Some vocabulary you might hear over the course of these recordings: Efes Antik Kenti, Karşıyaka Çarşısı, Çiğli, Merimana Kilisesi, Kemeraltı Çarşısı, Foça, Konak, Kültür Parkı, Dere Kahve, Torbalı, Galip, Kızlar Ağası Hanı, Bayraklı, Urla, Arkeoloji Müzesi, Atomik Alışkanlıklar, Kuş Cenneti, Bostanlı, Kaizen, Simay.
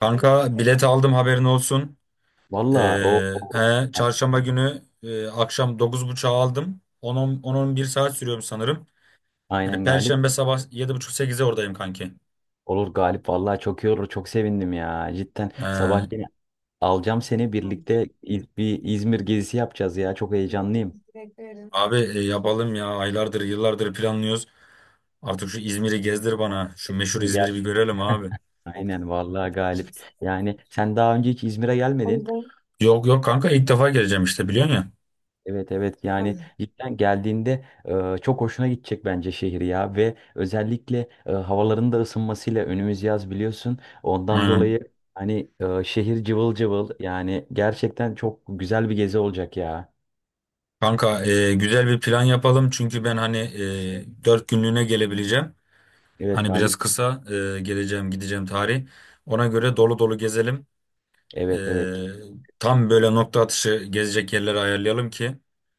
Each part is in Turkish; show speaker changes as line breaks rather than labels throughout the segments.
Kanka bilet aldım, haberin olsun. Ee,
Valla
he, çarşamba günü akşam 9:30'a aldım. 10 bir saat sürüyorum sanırım. Hani
aynen Galip.
Perşembe sabah 7:30 8'e oradayım kanki.
Olur Galip valla çok iyi olur. Çok sevindim ya. Cidden
Ee,
sabahleyin alacağım seni birlikte bir İzmir gezisi yapacağız ya. Çok heyecanlıyım.
Abi yapalım ya, aylardır yıllardır planlıyoruz. Artık şu İzmir'i gezdir bana. Şu
Evet,
meşhur
değil mi? Gel.
İzmir'i bir görelim abi.
Aynen valla Galip. Yani sen daha önce hiç İzmir'e gelmedin.
Yok yok kanka, ilk defa geleceğim işte, biliyorsun ya.
Evet evet yani cidden geldiğinde çok hoşuna gidecek bence şehir ya ve özellikle havaların da ısınmasıyla önümüz yaz biliyorsun ondan
Aynen.
dolayı hani şehir cıvıl cıvıl yani gerçekten çok güzel bir gezi olacak ya.
Kanka güzel bir plan yapalım, çünkü ben hani 4 günlüğüne gelebileceğim.
Evet
Hani biraz
Galip.
kısa geleceğim gideceğim tarih. Ona göre dolu dolu gezelim. E,
Evet evet
Tam böyle nokta atışı gezecek yerleri ayarlayalım ki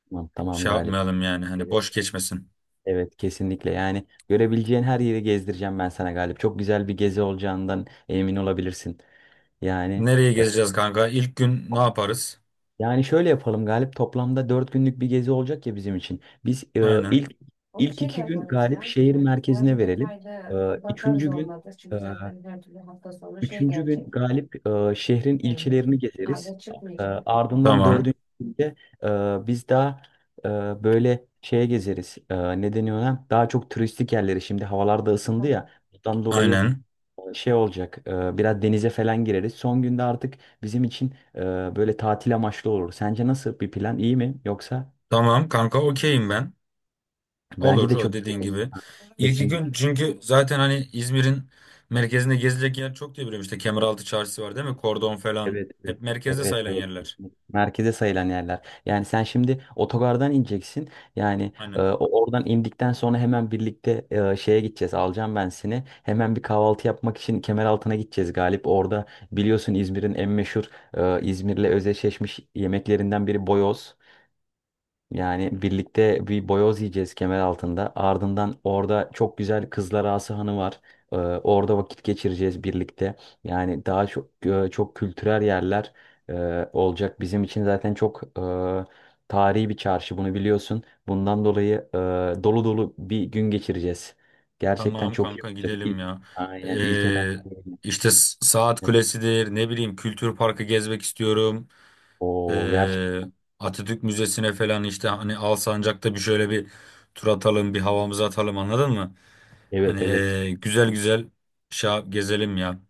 tamam, tamam
şey
Galip.
yapmayalım, yani hani
Evet
boş geçmesin.
evet kesinlikle yani görebileceğin her yeri gezdireceğim ben sana Galip. Çok güzel bir gezi olacağından emin olabilirsin yani.
Nereye gezeceğiz kanka? İlk gün ne yaparız?
Yani şöyle yapalım Galip, toplamda 4 günlük bir gezi olacak ya bizim için. Biz
Aynen.
ilk iki gün Galip şehir merkezine verelim. E, üçüncü gün e, Üçüncü gün Galip şehrin ilçelerini gezeriz. Ardından
Tamam. Evet.
dördüncü günde biz daha e, böyle şeye gezeriz. Ne deniyor ona? Daha çok turistik yerleri, şimdi havalar da ısındı ya. Bundan dolayı
Aynen.
şey olacak, biraz denize falan gireriz. Son günde artık bizim için böyle tatil amaçlı olur. Sence nasıl bir plan? İyi mi? Yoksa
Tamam kanka, okeyim ben.
bence
Olur,
de
o
çok
dediğin
güzel
evet
olur.
gibi.
Ha,
İlk iki gün,
kesinlikle.
çünkü zaten hani İzmir'in merkezinde gezilecek yer çok diye biliyorum. İşte Kemeraltı Çarşısı var değil mi? Kordon falan.
Evet, evet.
Hep merkezde
Evet,
sayılan
evet,
yerler.
kesinlikle. Merkeze sayılan yerler. Yani sen şimdi otogardan ineceksin. Yani e,
Aynen.
o- oradan indikten sonra hemen birlikte e, şeye gideceğiz. Alacağım ben seni. Hemen bir kahvaltı yapmak için Kemeraltı'na gideceğiz Galip. Orada biliyorsun İzmir'in en meşhur e, İzmir'le özdeşleşmiş yemeklerinden biri boyoz. Yani birlikte bir boyoz yiyeceğiz kemer altında. Ardından orada çok güzel Kızlar Ağası Hanı var. Orada vakit geçireceğiz birlikte. Yani daha çok e, çok kültürel yerler e, olacak. Bizim için zaten çok e, tarihi bir çarşı bunu biliyorsun. Bundan dolayı e, dolu dolu bir gün geçireceğiz. Gerçekten
Tamam
çok iyi
kanka,
olacak.
gidelim
İlk,
ya.
aynen ilk etap.
Ee, işte Saat Kulesi'dir, ne bileyim, Kültür Parkı gezmek istiyorum.
O
Ee,
gerçekten.
Atatürk Müzesi'ne falan işte, hani Alsancak'ta bir şöyle bir tur atalım, bir havamızı atalım, anladın mı?
Evet,
Hani
evet.
güzel güzel gezelim ya.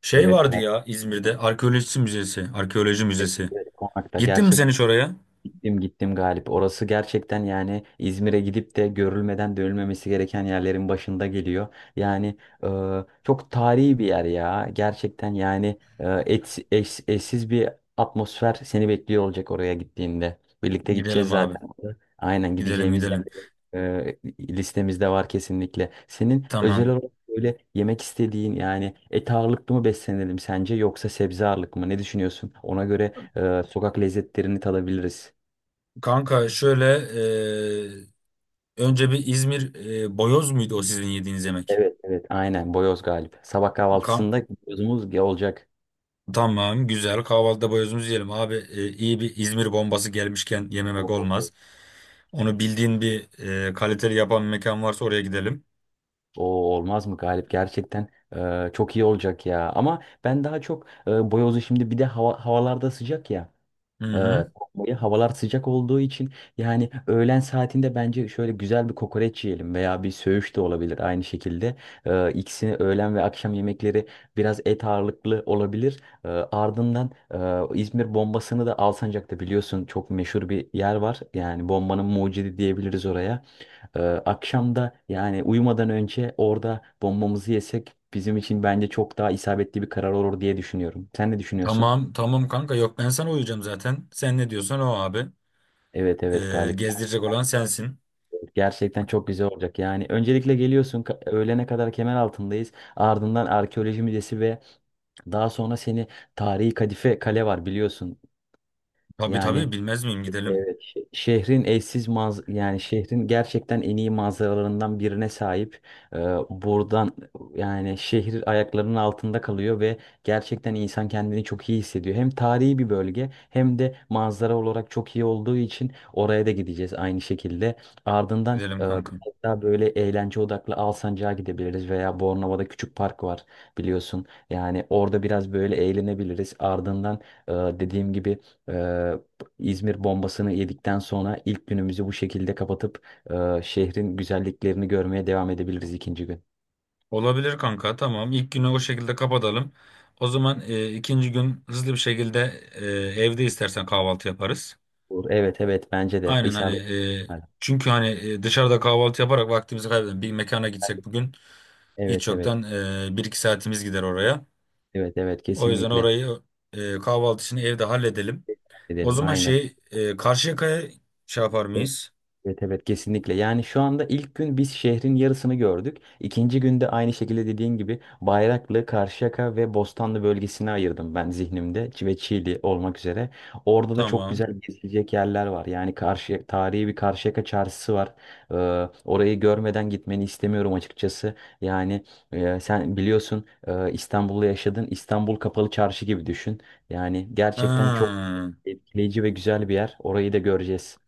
Şey
Evet.
vardı ya, İzmir'de Arkeoloji Müzesi. Arkeoloji
Evet,
Müzesi.
evet, Konakta
Gittin mi sen
gerçekten.
hiç oraya?
Gittim gittim Galip. Orası gerçekten yani İzmir'e gidip de görülmeden dönülmemesi gereken yerlerin başında geliyor. Yani e, çok tarihi bir yer ya. Gerçekten yani eşsiz bir atmosfer seni bekliyor olacak oraya gittiğinde. Birlikte gideceğiz
Gidelim abi.
zaten. Aynen,
Gidelim
gideceğimiz
gidelim.
yerleri listemizde var kesinlikle. Senin özel
Tamam.
olarak böyle yemek istediğin, yani et ağırlıklı mı beslenelim sence yoksa sebze ağırlıklı mı? Ne düşünüyorsun? Ona göre sokak lezzetlerini tadabiliriz.
Kanka şöyle ee, önce bir İzmir boyoz muydu o sizin yediğiniz yemek?
Evet evet aynen boyoz Galip. Sabah
Kam-
kahvaltısında boyozumuz olacak.
tamam, güzel, kahvaltıda boyozumuzu yiyelim abi. İyi bir İzmir bombası gelmişken yememek
Oo,
olmaz. Onu bildiğin bir kaliteli yapan bir mekan varsa oraya gidelim.
oo, olmaz mı Galip, gerçekten çok iyi olacak ya. Ama ben daha çok boyozu, şimdi bir de havalarda sıcak ya.
Hı hı.
Evet. Havalar sıcak olduğu için yani öğlen saatinde bence şöyle güzel bir kokoreç yiyelim veya bir söğüş de olabilir aynı şekilde. İkisini öğlen ve akşam yemekleri, biraz et ağırlıklı olabilir. Ardından İzmir bombasını da Alsancak'ta biliyorsun, çok meşhur bir yer var. Yani bombanın mucidi diyebiliriz oraya. Akşam, yani uyumadan önce orada bombamızı yesek bizim için bence çok daha isabetli bir karar olur diye düşünüyorum. Sen ne düşünüyorsun?
Tamam tamam kanka, yok ben sana uyacağım zaten. Sen ne diyorsan o abi.
Evet evet Galip.
Gezdirecek olan sensin.
Gerçekten çok güzel olacak. Yani öncelikle geliyorsun, öğlene kadar kemer altındayız. Ardından Arkeoloji Müzesi ve daha sonra seni, tarihi Kadife Kale var biliyorsun.
Tabii
Yani
tabii, bilmez miyim, gidelim.
evet, şehrin eşsiz yani şehrin gerçekten en iyi manzaralarından birine sahip. Ee, Buradan yani şehir ayaklarının altında kalıyor ve gerçekten insan kendini çok iyi hissediyor. Hem tarihi bir bölge hem de manzara olarak çok iyi olduğu için oraya da gideceğiz aynı şekilde. Ardından
Gidelim
biraz
kanka.
daha böyle eğlence odaklı Alsancak'a gidebiliriz veya Bornova'da Küçük Park var biliyorsun. Yani orada biraz böyle eğlenebiliriz. Ardından dediğim gibi, İzmir bombasını yedikten sonra ilk günümüzü bu şekilde kapatıp şehrin güzelliklerini görmeye devam edebiliriz ikinci gün.
Olabilir kanka, tamam. İlk günü o şekilde kapatalım. O zaman ikinci gün hızlı bir şekilde e, evde istersen kahvaltı yaparız.
Olur. Evet evet bence de
Aynen hani,
isabet.
e, çünkü hani dışarıda kahvaltı yaparak vaktimizi kaybedelim. Bir mekana gitsek bugün,
Evet
hiç
evet
yoktan bir iki saatimiz gider oraya.
evet evet
O yüzden
kesinlikle
orayı kahvaltı için evde halledelim. O
edelim
zaman
aynen.
şey, Karşıyaka'ya şey yapar mıyız?
Evet evet kesinlikle. Yani şu anda ilk gün biz şehrin yarısını gördük. İkinci günde aynı şekilde dediğin gibi Bayraklı, Karşıyaka ve Bostanlı bölgesini ayırdım ben zihnimde, ve Çiğli olmak üzere. Orada da çok güzel
Tamam.
gezilecek yerler var. Yani tarihi bir Karşıyaka çarşısı var. Ee, Orayı görmeden gitmeni istemiyorum açıkçası. Yani sen biliyorsun İstanbul'da yaşadın. İstanbul Kapalı Çarşı gibi düşün. Yani gerçekten çok
Ha,
etkileyici ve güzel bir yer. Orayı da göreceğiz.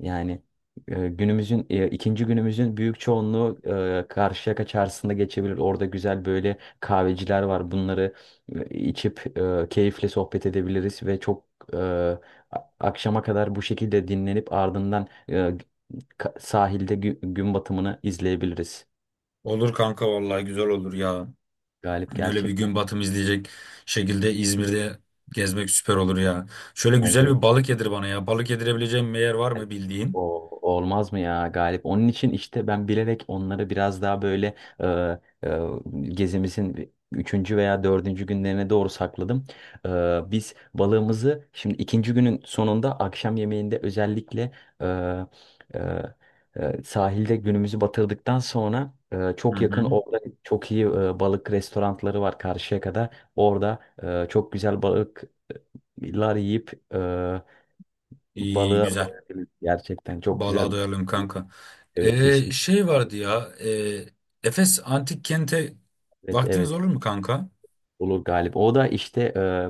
Yani ikinci günümüzün büyük çoğunluğu Karşıyaka Çarşısı'nda geçebilir. Orada güzel böyle kahveciler var. Bunları içip keyifle sohbet edebiliriz ve çok e, a- akşama kadar bu şekilde dinlenip ardından sahilde gün batımını izleyebiliriz.
olur kanka, vallahi güzel olur ya.
Galip,
Öyle bir
gerçekten.
gün batımı izleyecek şekilde İzmir'de gezmek süper olur ya. Şöyle güzel
Bence de.
bir balık yedir bana ya. Balık yedirebileceğim bir yer var mı bildiğin?
O, olmaz mı ya Galip? Onun için işte ben bilerek onları biraz daha böyle e, e, gezimizin üçüncü veya dördüncü günlerine doğru sakladım. E, Biz balığımızı şimdi ikinci günün sonunda, akşam yemeğinde özellikle e, e, sahilde günümüzü batırdıktan sonra,
Hı
çok yakın
hı.
orada çok iyi balık restoranları var karşıya kadar. Orada çok güzel balıklar yiyip
İyi,
balığa
güzel.
doyabilir. Gerçekten çok
Balığa
güzel.
doyalım kanka.
Evet kesin.
Şey
Yani.
vardı ya. Efes Antik Kent'e
Evet
vaktiniz
evet
olur mu kanka?
olur Galip. O da işte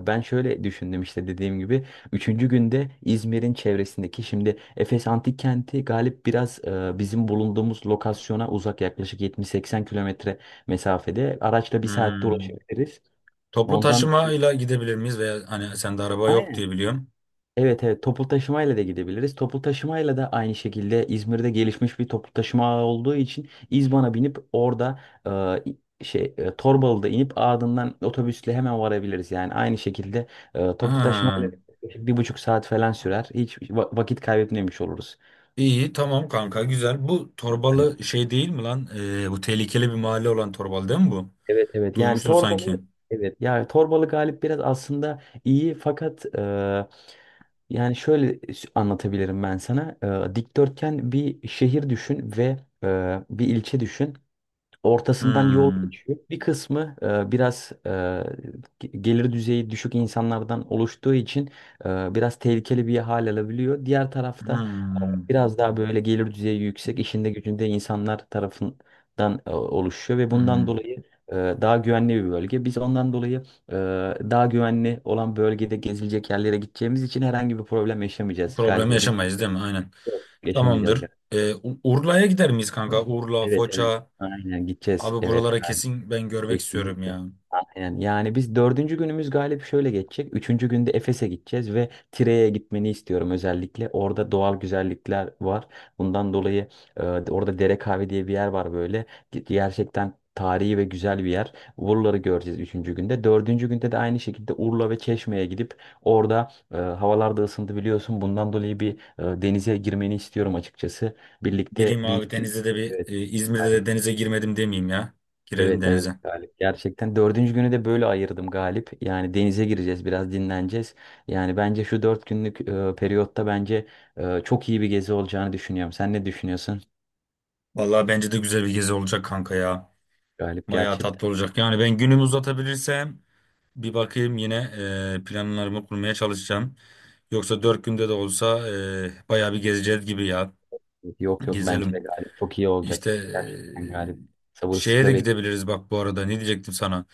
ben şöyle düşündüm, işte dediğim gibi. Üçüncü günde İzmir'in çevresindeki, şimdi Efes Antik Kenti Galip biraz bizim bulunduğumuz lokasyona uzak, yaklaşık 70-80 kilometre mesafede. Araçla 1 saatte
Hmm.
ulaşabiliriz.
Toplu
Ondan.
taşımayla gidebilir miyiz? Veya hani sende araba yok
Aynen.
diye biliyorum.
Evet evet toplu taşımayla da gidebiliriz. Toplu taşımayla da aynı şekilde, İzmir'de gelişmiş bir toplu taşıma ağı olduğu için, İzban'a binip orada Torbalı'da inip ardından otobüsle hemen varabiliriz. Yani aynı şekilde toplu taşımayla
Ha.
1,5 saat falan sürer. Hiç vakit kaybetmemiş oluruz.
İyi, tamam kanka, güzel. Bu
Yani
Torbalı şey değil mi lan? Bu tehlikeli bir mahalle olan Torbalı değil mi bu?
evet evet yani
Duymuştum sanki.
Torbalı, evet yani Torbalı Galip biraz aslında iyi, fakat yani şöyle anlatabilirim ben sana. Dikdörtgen bir şehir düşün ve bir ilçe düşün, ortasından yol
Hmm.
geçiyor. Bir kısmı biraz gelir düzeyi düşük insanlardan oluştuğu için biraz tehlikeli bir hal alabiliyor, diğer tarafta
Hmm.
biraz daha böyle gelir düzeyi yüksek, işinde gücünde insanlar tarafından oluşuyor ve bundan
Hmm.
dolayı e, daha güvenli bir bölge. Biz ondan dolayı e, daha güvenli olan bölgede gezilecek yerlere gideceğimiz için herhangi bir problem yaşamayacağız
Problem
Galip, emin
yaşamayız değil mi? Aynen.
yaşamayacağız
Tamamdır.
Galip.
Urla'ya gider miyiz kanka? Urla,
Evet evet.
Foça.
Aynen gideceğiz.
Abi,
Evet.
buralara kesin ben görmek istiyorum
Kesinlikle.
ya.
Aynen. Yani biz dördüncü günümüz Galip şöyle geçecek. Üçüncü günde Efes'e gideceğiz ve Tire'ye gitmeni istiyorum özellikle. Orada doğal güzellikler var. Bundan dolayı e, orada Dere Kahve diye bir yer var böyle. Gerçekten tarihi ve güzel bir yer. Urla'ları göreceğiz üçüncü günde. Dördüncü günde de aynı şekilde Urla ve Çeşme'ye gidip orada, havalar da ısındı biliyorsun, bundan dolayı bir denize girmeni istiyorum açıkçası. Birlikte
Gireyim abi
bir...
denize de, bir
Evet.
İzmir'de de denize girmedim demeyeyim ya. Girelim
Evet evet
denize.
Galip, gerçekten dördüncü günü de böyle ayırdım Galip, yani denize gireceğiz, biraz dinleneceğiz. Yani bence şu 4 günlük periyotta bence çok iyi bir gezi olacağını düşünüyorum, sen ne düşünüyorsun
Vallahi bence de güzel bir gezi olacak kanka ya.
Galip?
Bayağı tatlı
Gerçekten
olacak. Yani ben günümü uzatabilirsem bir bakayım yine, planlarımı kurmaya çalışacağım. Yoksa 4 günde de olsa, bayağı bir gezeceğiz gibi ya.
yok yok, bence de
Gezelim.
Galip çok iyi olacak,
İşte
gerçekten Galip,
şeye de
sabırsızlıkla bekliyorum.
gidebiliriz bak, bu arada ne diyecektim sana.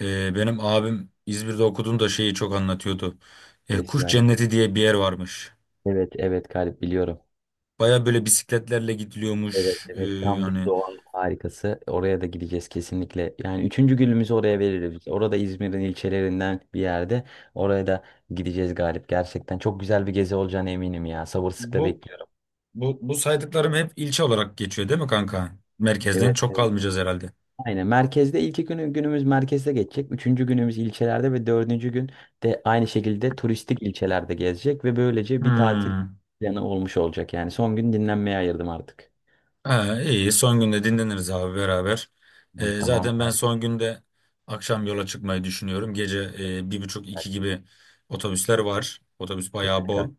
Benim abim İzmir'de okuduğunda şeyi çok anlatıyordu.
Neresi
Kuş
Galip?
Cenneti diye bir yer varmış.
Evet evet Galip biliyorum.
Baya böyle bisikletlerle
Evet
gidiliyormuş.
evet tam bir
Hani
doğal harikası. Oraya da gideceğiz kesinlikle. Yani üçüncü günümüzü oraya veririz. Orada İzmir'in ilçelerinden bir yerde. Oraya da gideceğiz Galip. Gerçekten çok güzel bir gezi olacağına eminim ya. Sabırsızlıkla
bu,
bekliyorum.
bu saydıklarım hep ilçe olarak geçiyor değil mi kanka? Merkezden
Evet
çok
evet.
kalmayacağız herhalde.
Aynen, merkezde ilk günümüz merkezde geçecek. Üçüncü günümüz ilçelerde ve dördüncü gün de aynı şekilde turistik ilçelerde gezecek. Ve böylece bir tatil
Hmm.
planı olmuş olacak. Yani son gün dinlenmeye ayırdım artık.
Ha, iyi. Son günde dinleniriz abi beraber.
Tamam tamam
Zaten ben
Galip.
son günde akşam yola çıkmayı düşünüyorum. Gece 1:30 iki
Galip.
gibi otobüsler var. Otobüs bayağı
Evet Galip.
bol.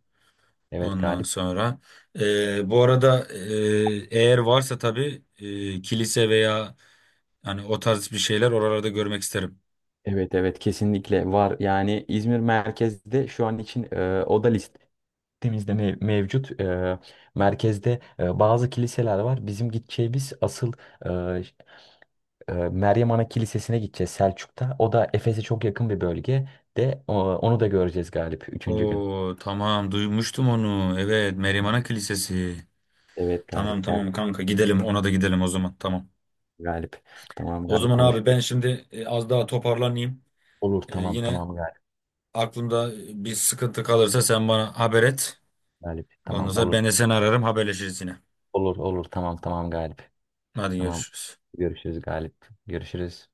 Evet,
Ondan
Galip.
sonra, bu arada, eğer varsa tabii kilise veya hani o tarz bir şeyler, oralarda görmek isterim.
Evet evet kesinlikle var. Yani İzmir merkezde şu an için o da listemizde mevcut. Merkezde bazı kiliseler var. Bizim gideceğimiz asıl e, ş- Meryem Ana Kilisesi'ne gideceğiz Selçuk'ta. O da Efes'e çok yakın bir bölge, de onu da göreceğiz Galip üçüncü gün.
Oo tamam, duymuştum onu. Evet, Merimana Kilisesi.
Evet Galip,
Tamam
gel
tamam kanka, gidelim, ona da gidelim o zaman, tamam.
Galip. Tamam
O
Galip
zaman abi
konuşuruz.
ben şimdi az daha toparlanayım.
Olur tamam
Yine
tamam Galip.
aklımda bir sıkıntı kalırsa sen bana haber et.
Galip
Ondan
tamam
sonra
olur.
ben de seni ararım, haberleşiriz yine.
Olur olur tamam tamam Galip.
Hadi,
Tamam
görüşürüz.
görüşürüz Galip. Görüşürüz.